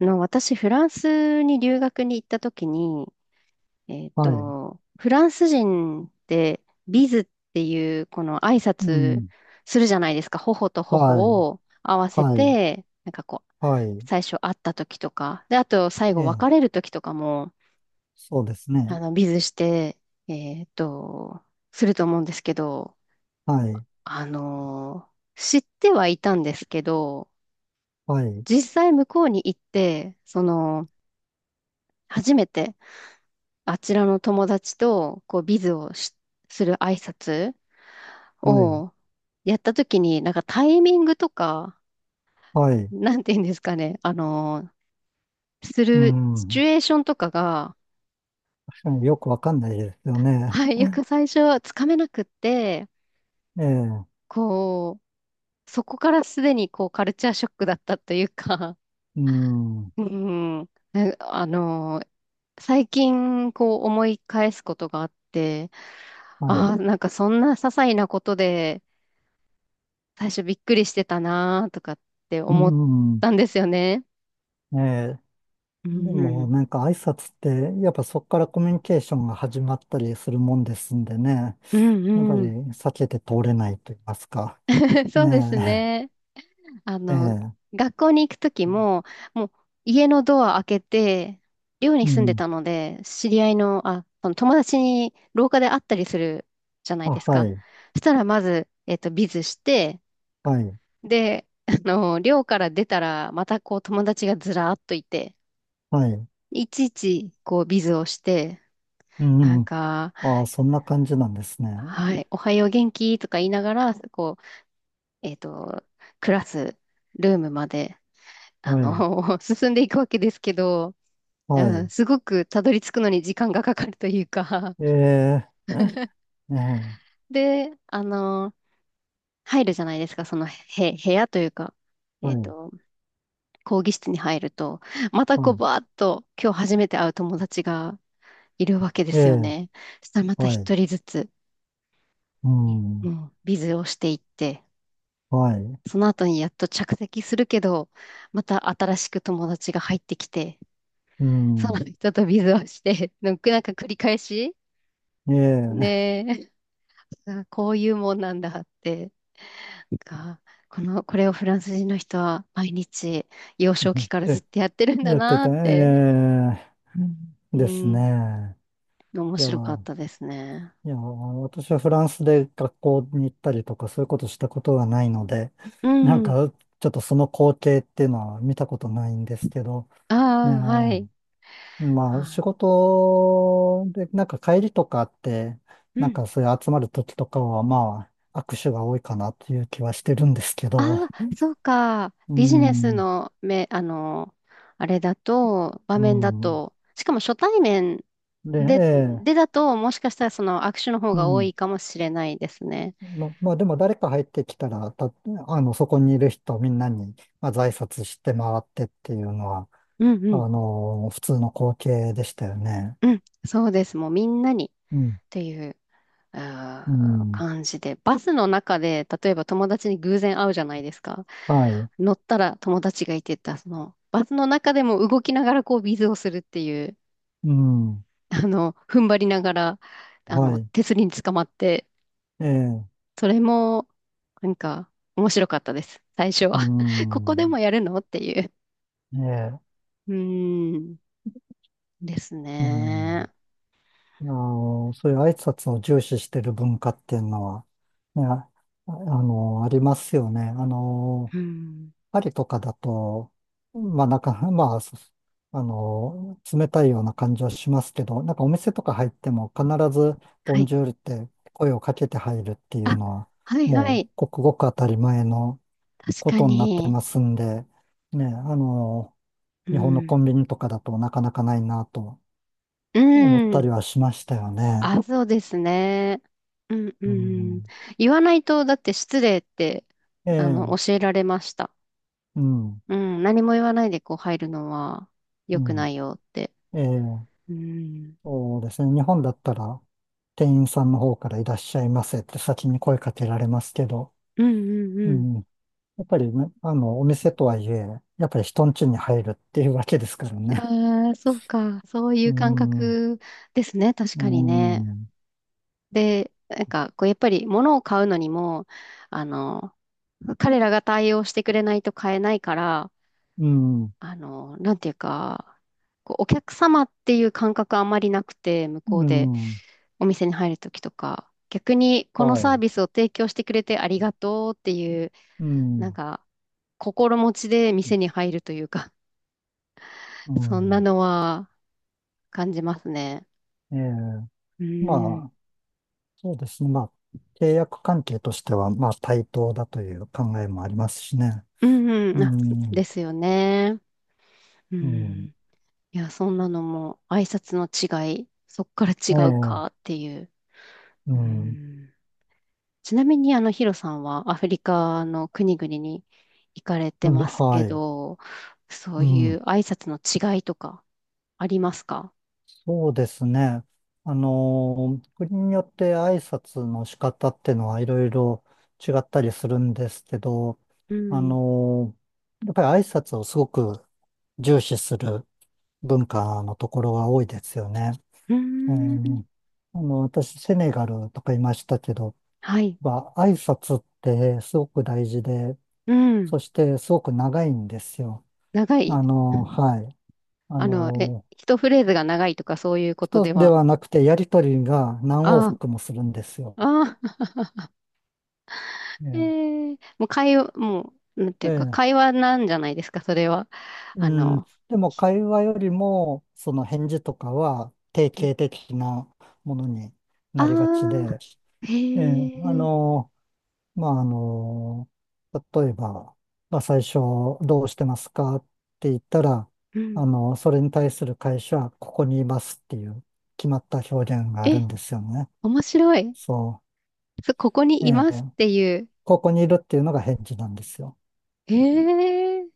私、フランスに留学に行った時に、はい。フランス人ってビズっていうこの挨う拶ん。するじゃないですか。頬と頬はい。を合わせはい。て、なんかこう、はい。最初会った時とか、で、あと最え後別え。れる時とかも、そうですね。ビズして、えっと、すると思うんですけど、はい。あの、知ってはいたんですけど、はい。実際向こうに行って、初めて、あちらの友達と、こう、ビズをし、する挨拶はい。をやったときに、なんかタイミングとか、はい。なんて言うんですかね、すうるシチュん。エーションとかが、確かによくわかんないですよね。はい、よく最初はつかめなくって、ええ。こう、そこからすでにこう、カルチャーショックだったというか、うん。うん、ね、最近こう思い返すことがあって、はい。ああ、なんかそんな些細なことで、最初びっくりしてたなーとかってう思っん。たんですよね。ええ。うでも、ん。なんか挨拶って、やっぱそこからコミュニケーションが始まったりするもんですんでね。うやっぱんりうん。避けて通れないと言いますか。そうですねね。あえ。えの、え。学校に行くときも、もう家のドア開けて、寮にう住んでん。たので、知り合いの、あ、その友達に廊下で会ったりするじゃないあ、ですはか。い。そしたらまず、ビズして、はい。で、寮から出たら、またこう友達がずらーっといて、はい。いちいちこうビズをして、うなんん。か、ああ、そんな感じなんですね。はい、おはよう元気とか言いながら、こう、えっと、クラス、ルームまで、はい。進んでいくわけですけど、うはん、い。すごくたどり着くのに時間がかかるというか、ええ、ええ、で、入るじゃないですか、そのへ、部屋というか、はえっい。と、講義室に入ると、またはこう、い。バーッと、今日初めて会う友達がいるわけでえすよえ、ね。そしたらまたはい。一人ずつ、ううん。ん、ビズをしていって、はい。その後にやっと着席するけど、また新しく友達が入ってきて、うそん。の人とビズをして、なんか繰り返し、ええ、ねえ、こういうもんなんだって、なんか、これをフランス人の人は毎日幼少期 からずっえとやってるんだやってなた。って、ええ、うですん、ね。面いや、白かったですね。いや、私はフランスで学校に行ったりとか、そういうことしたことがないので、うなんん、か、ちょっとその光景っていうのは見たことないんですけど、あね。あ、はい。まあ、あ、仕事で、なんか帰りとかあって、うなんん。かそういう集まる時とかは、まあ、握手が多いかなっていう気はしてるんですけど、ああ、そうか。うビジネスん、のめ、あれだと、場う面だん。と、しかも初対面で、で、ええ、でだと、もしかしたらその握手の方うが多ん。いかもしれないですね。ま、まあ、でも誰か入ってきたら、あの、そこにいる人みんなに、まあ、在拶して回ってっていうのは、うんうあん。の、普通の光景でしたよね。うん、そうです。もうみんなにうん、っていう、うん、感じで。バスの中で、例えば友達に偶然会うじゃないですか。はい、乗ったら友達がいてた、バスの中でも動きながらこうビズをするっていう、うん、踏ん張りながら、はい、手すりにつかまってええ、それも、なんか、面白かったです。最初うは。ここでん、もやるのっていう。ええ。うーん。ですうん、ね。あの、そういう挨拶を重視してる文化っていうのは、ね、ああの、ありますよね。あの、うん。パリとかだと、まあ、なんか、まあ、あの、冷たいような感じはしますけど、なんかお店とか入っても必ず、ボはンい。ジュールって声をかけて入るっていあ、うのは、はいはもう、い。ごくごく当たり前の確こかとになってに。ますんで、ね、あの、う日本のコん。ンビニとかだとなかなかないなとう思ったん。りはしましたよね。あ、そうですね。うんううん。ん。言わないと、だって失礼って、ええ、教えられました。うん、うん。何も言わないでこう入るのは良うくん、ないよって。ええ、うん。そうですね。日本だったら、店員さんの方からいらっしゃいませって先に声かけられますけど、うんうんううん、ん。やっぱりね、あの、お店とはいえ、やっぱり人ん家に入るっていうわけですからね。ああ、そうか。そういうう感ん、う覚ですね。確かにね。ん、で、なんか、こう、やっぱり物を買うのにも、あの、彼らが対応してくれないと買えないから、うん、なんていうか、こう、お客様っていう感覚あんまりなくて、向こううでん、お店に入るときとか、逆にこのはサーい、ビスを提供してくれてありがとうっていう、うなんん、か、心持ちで店に入るというか、う そんなん、のは感じますね。ええ、うまん。あ、そうですね。まあ、契約関係としては、まあ、対等だという考えもありますしね。うんうん、うあ、んですよね。ううん。ん。いや、そんなのも挨拶の違い、そっから違えうえ、かっていう。ううん。ん。ちなみに、ヒロさんはアフリカの国々に行かれてますはけい。ど、そうういん。う挨拶の違いとかありますか？そうですね。国によって挨拶の仕方ってのはいろいろ違ったりするんですけど、うあん。のやっぱり挨拶をすごく重視する文化のところが多いですよね。うーえん。ーあの、私、セネガルとかいましたけど、はい。まあ挨拶ってすごく大事で、うん。そしてすごく長いんですよ。長い。あの、はい。あえ、の、一フレーズが長いとかそういうこと一でつでは？はなくてやりとりが何往あ復もするんですよ。あ、ああ。ええ、もう、なんてえいうか、え、会話なんじゃないですか、それは？うあん。の、でも会話よりも、その返事とかは定型的なものにあなりがちあで、ー、ええ、あへえ、の、まあ、あの、例えば、まあ、最初、どうしてますかって言ったら、うん。あの、それに対する会社は、ここにいますっていう決まった表現があるえ、んですよね。面白い。そここにう。いえますえ、っていう？ここにいるっていうのが返事なんですよ。ええ、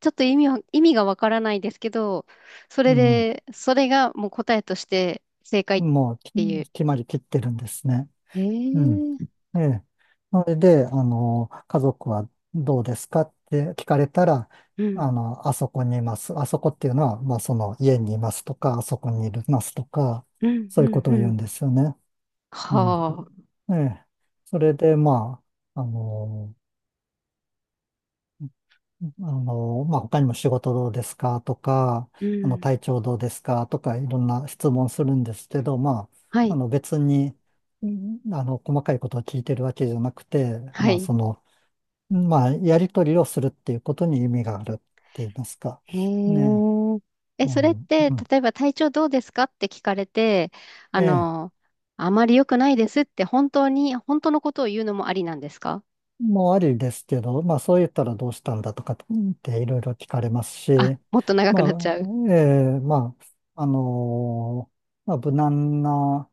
ちょっと意味がわからないですけど、うん。それがもう答えとして正解っもう、きていう？決まりきってるんですね。えうん。え、ええ。それで、あの、家族はどうですかって聞かれたら、うん、あの、あそこにいます。あそこっていうのは、まあ、その家にいますとか、あそこにいますとか、うん、そうういうこん、とをう言うん。んですよね。はうん。あ、ええ。それで、まあ、あの、まあ、他にも仕事どうですかとか、うあの、ん。体調どうですかとか、いろんな質問するんですけど、まはあ、あい、の、別に、あの、細かいことを聞いてるわけじゃなくて、はまあ、い。その、まあ、やり取りをするっていうことに意味があるって言いますか。へね。え。え、あそれっの、て、うん。例えば体調どうですかって聞かれて、あええ、の、あまり良くないですって本当のことを言うのもありなんですか？もうありですけど、まあ、そう言ったらどうしたんだとかっていろいろ聞かれますし、あ、もっと長くまあ、なっちゃう。ええ、まあ、まあ、無難な、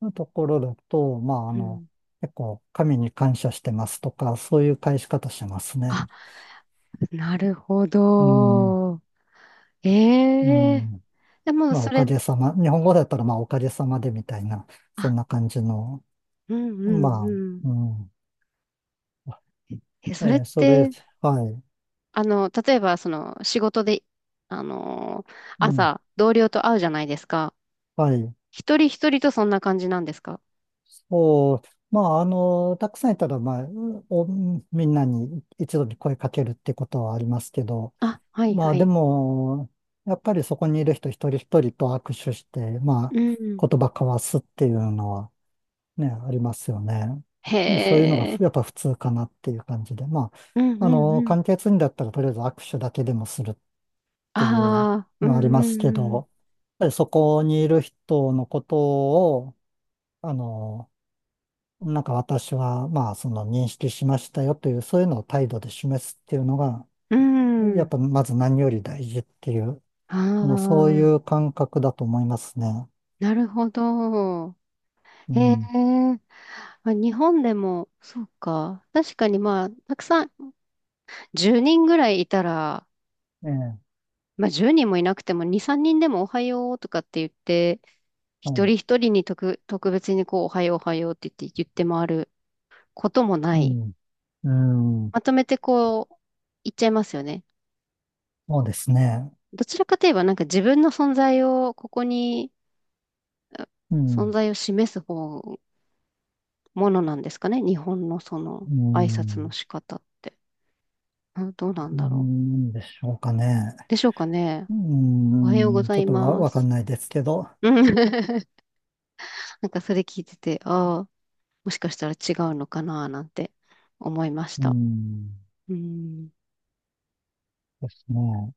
のところだと、まあ、あうの、ん。結構神に感謝してますとか、そういう返し方しますね。あ、なるほうん、ど。うええ。ん。でもまあ、そおかれ、げさま。日本語だったら、まあ、おかげさまでみたいな、そんあ、な感じの。うんうんまうん。あ、うん。え、それっそれ、て、はい。例えばその仕事で、あの、うん。朝同僚と会うじゃないですか。はい。一人一人とそんな感じなんですか？そう。まあ、あの、たくさんいたら、まあ、お、みんなに一度に声かけるってことはありますけど、あ、はいまはあでい。も、やっぱりそこにいる人一人一人と握手して、まうあん。言葉交わすっていうのはね、ありますよね。へでそういうのがえ。やっぱ普通かなっていう感じで、まうんうあ、んあの、うん。簡潔にだったらとりあえず握手だけでもするっていうああ、うのありんますけど、うやっんぱりそこにいる人のことを、あの、なんか私はまあその認識しましたよという、そういうのを態度で示すっていうのが、うん。うやっん。ぱまず何より大事っていうあもうそういあ、う感覚だと思いますね。なるほど。うへえ。ん。まあ、日本でも、そうか。確かにまあ、たくさん、10人ぐらいいたら、ええ、まあ10人もいなくても、2、3人でもおはようとかって言って、は一い。人一人に特別にこう、おはようおはようって言って、回ることもなうい。ん。うん。まとめてこう、言っちゃいますよね。そうですね。どちらかといえばなんか自分の存在を、ここに、あう存ん。在を示す方、ものなんですかね。日本のそのう挨拶のん。仕方って。どうなんうだろう。ん、でしょうかね。でしょうかね。うおはようごん。ざちょいっとまわかす。んないですけど。うん。 なんかそれ聞いてて、ああ、もしかしたら違うのかななんて思いましうた。ん。うん。ですね。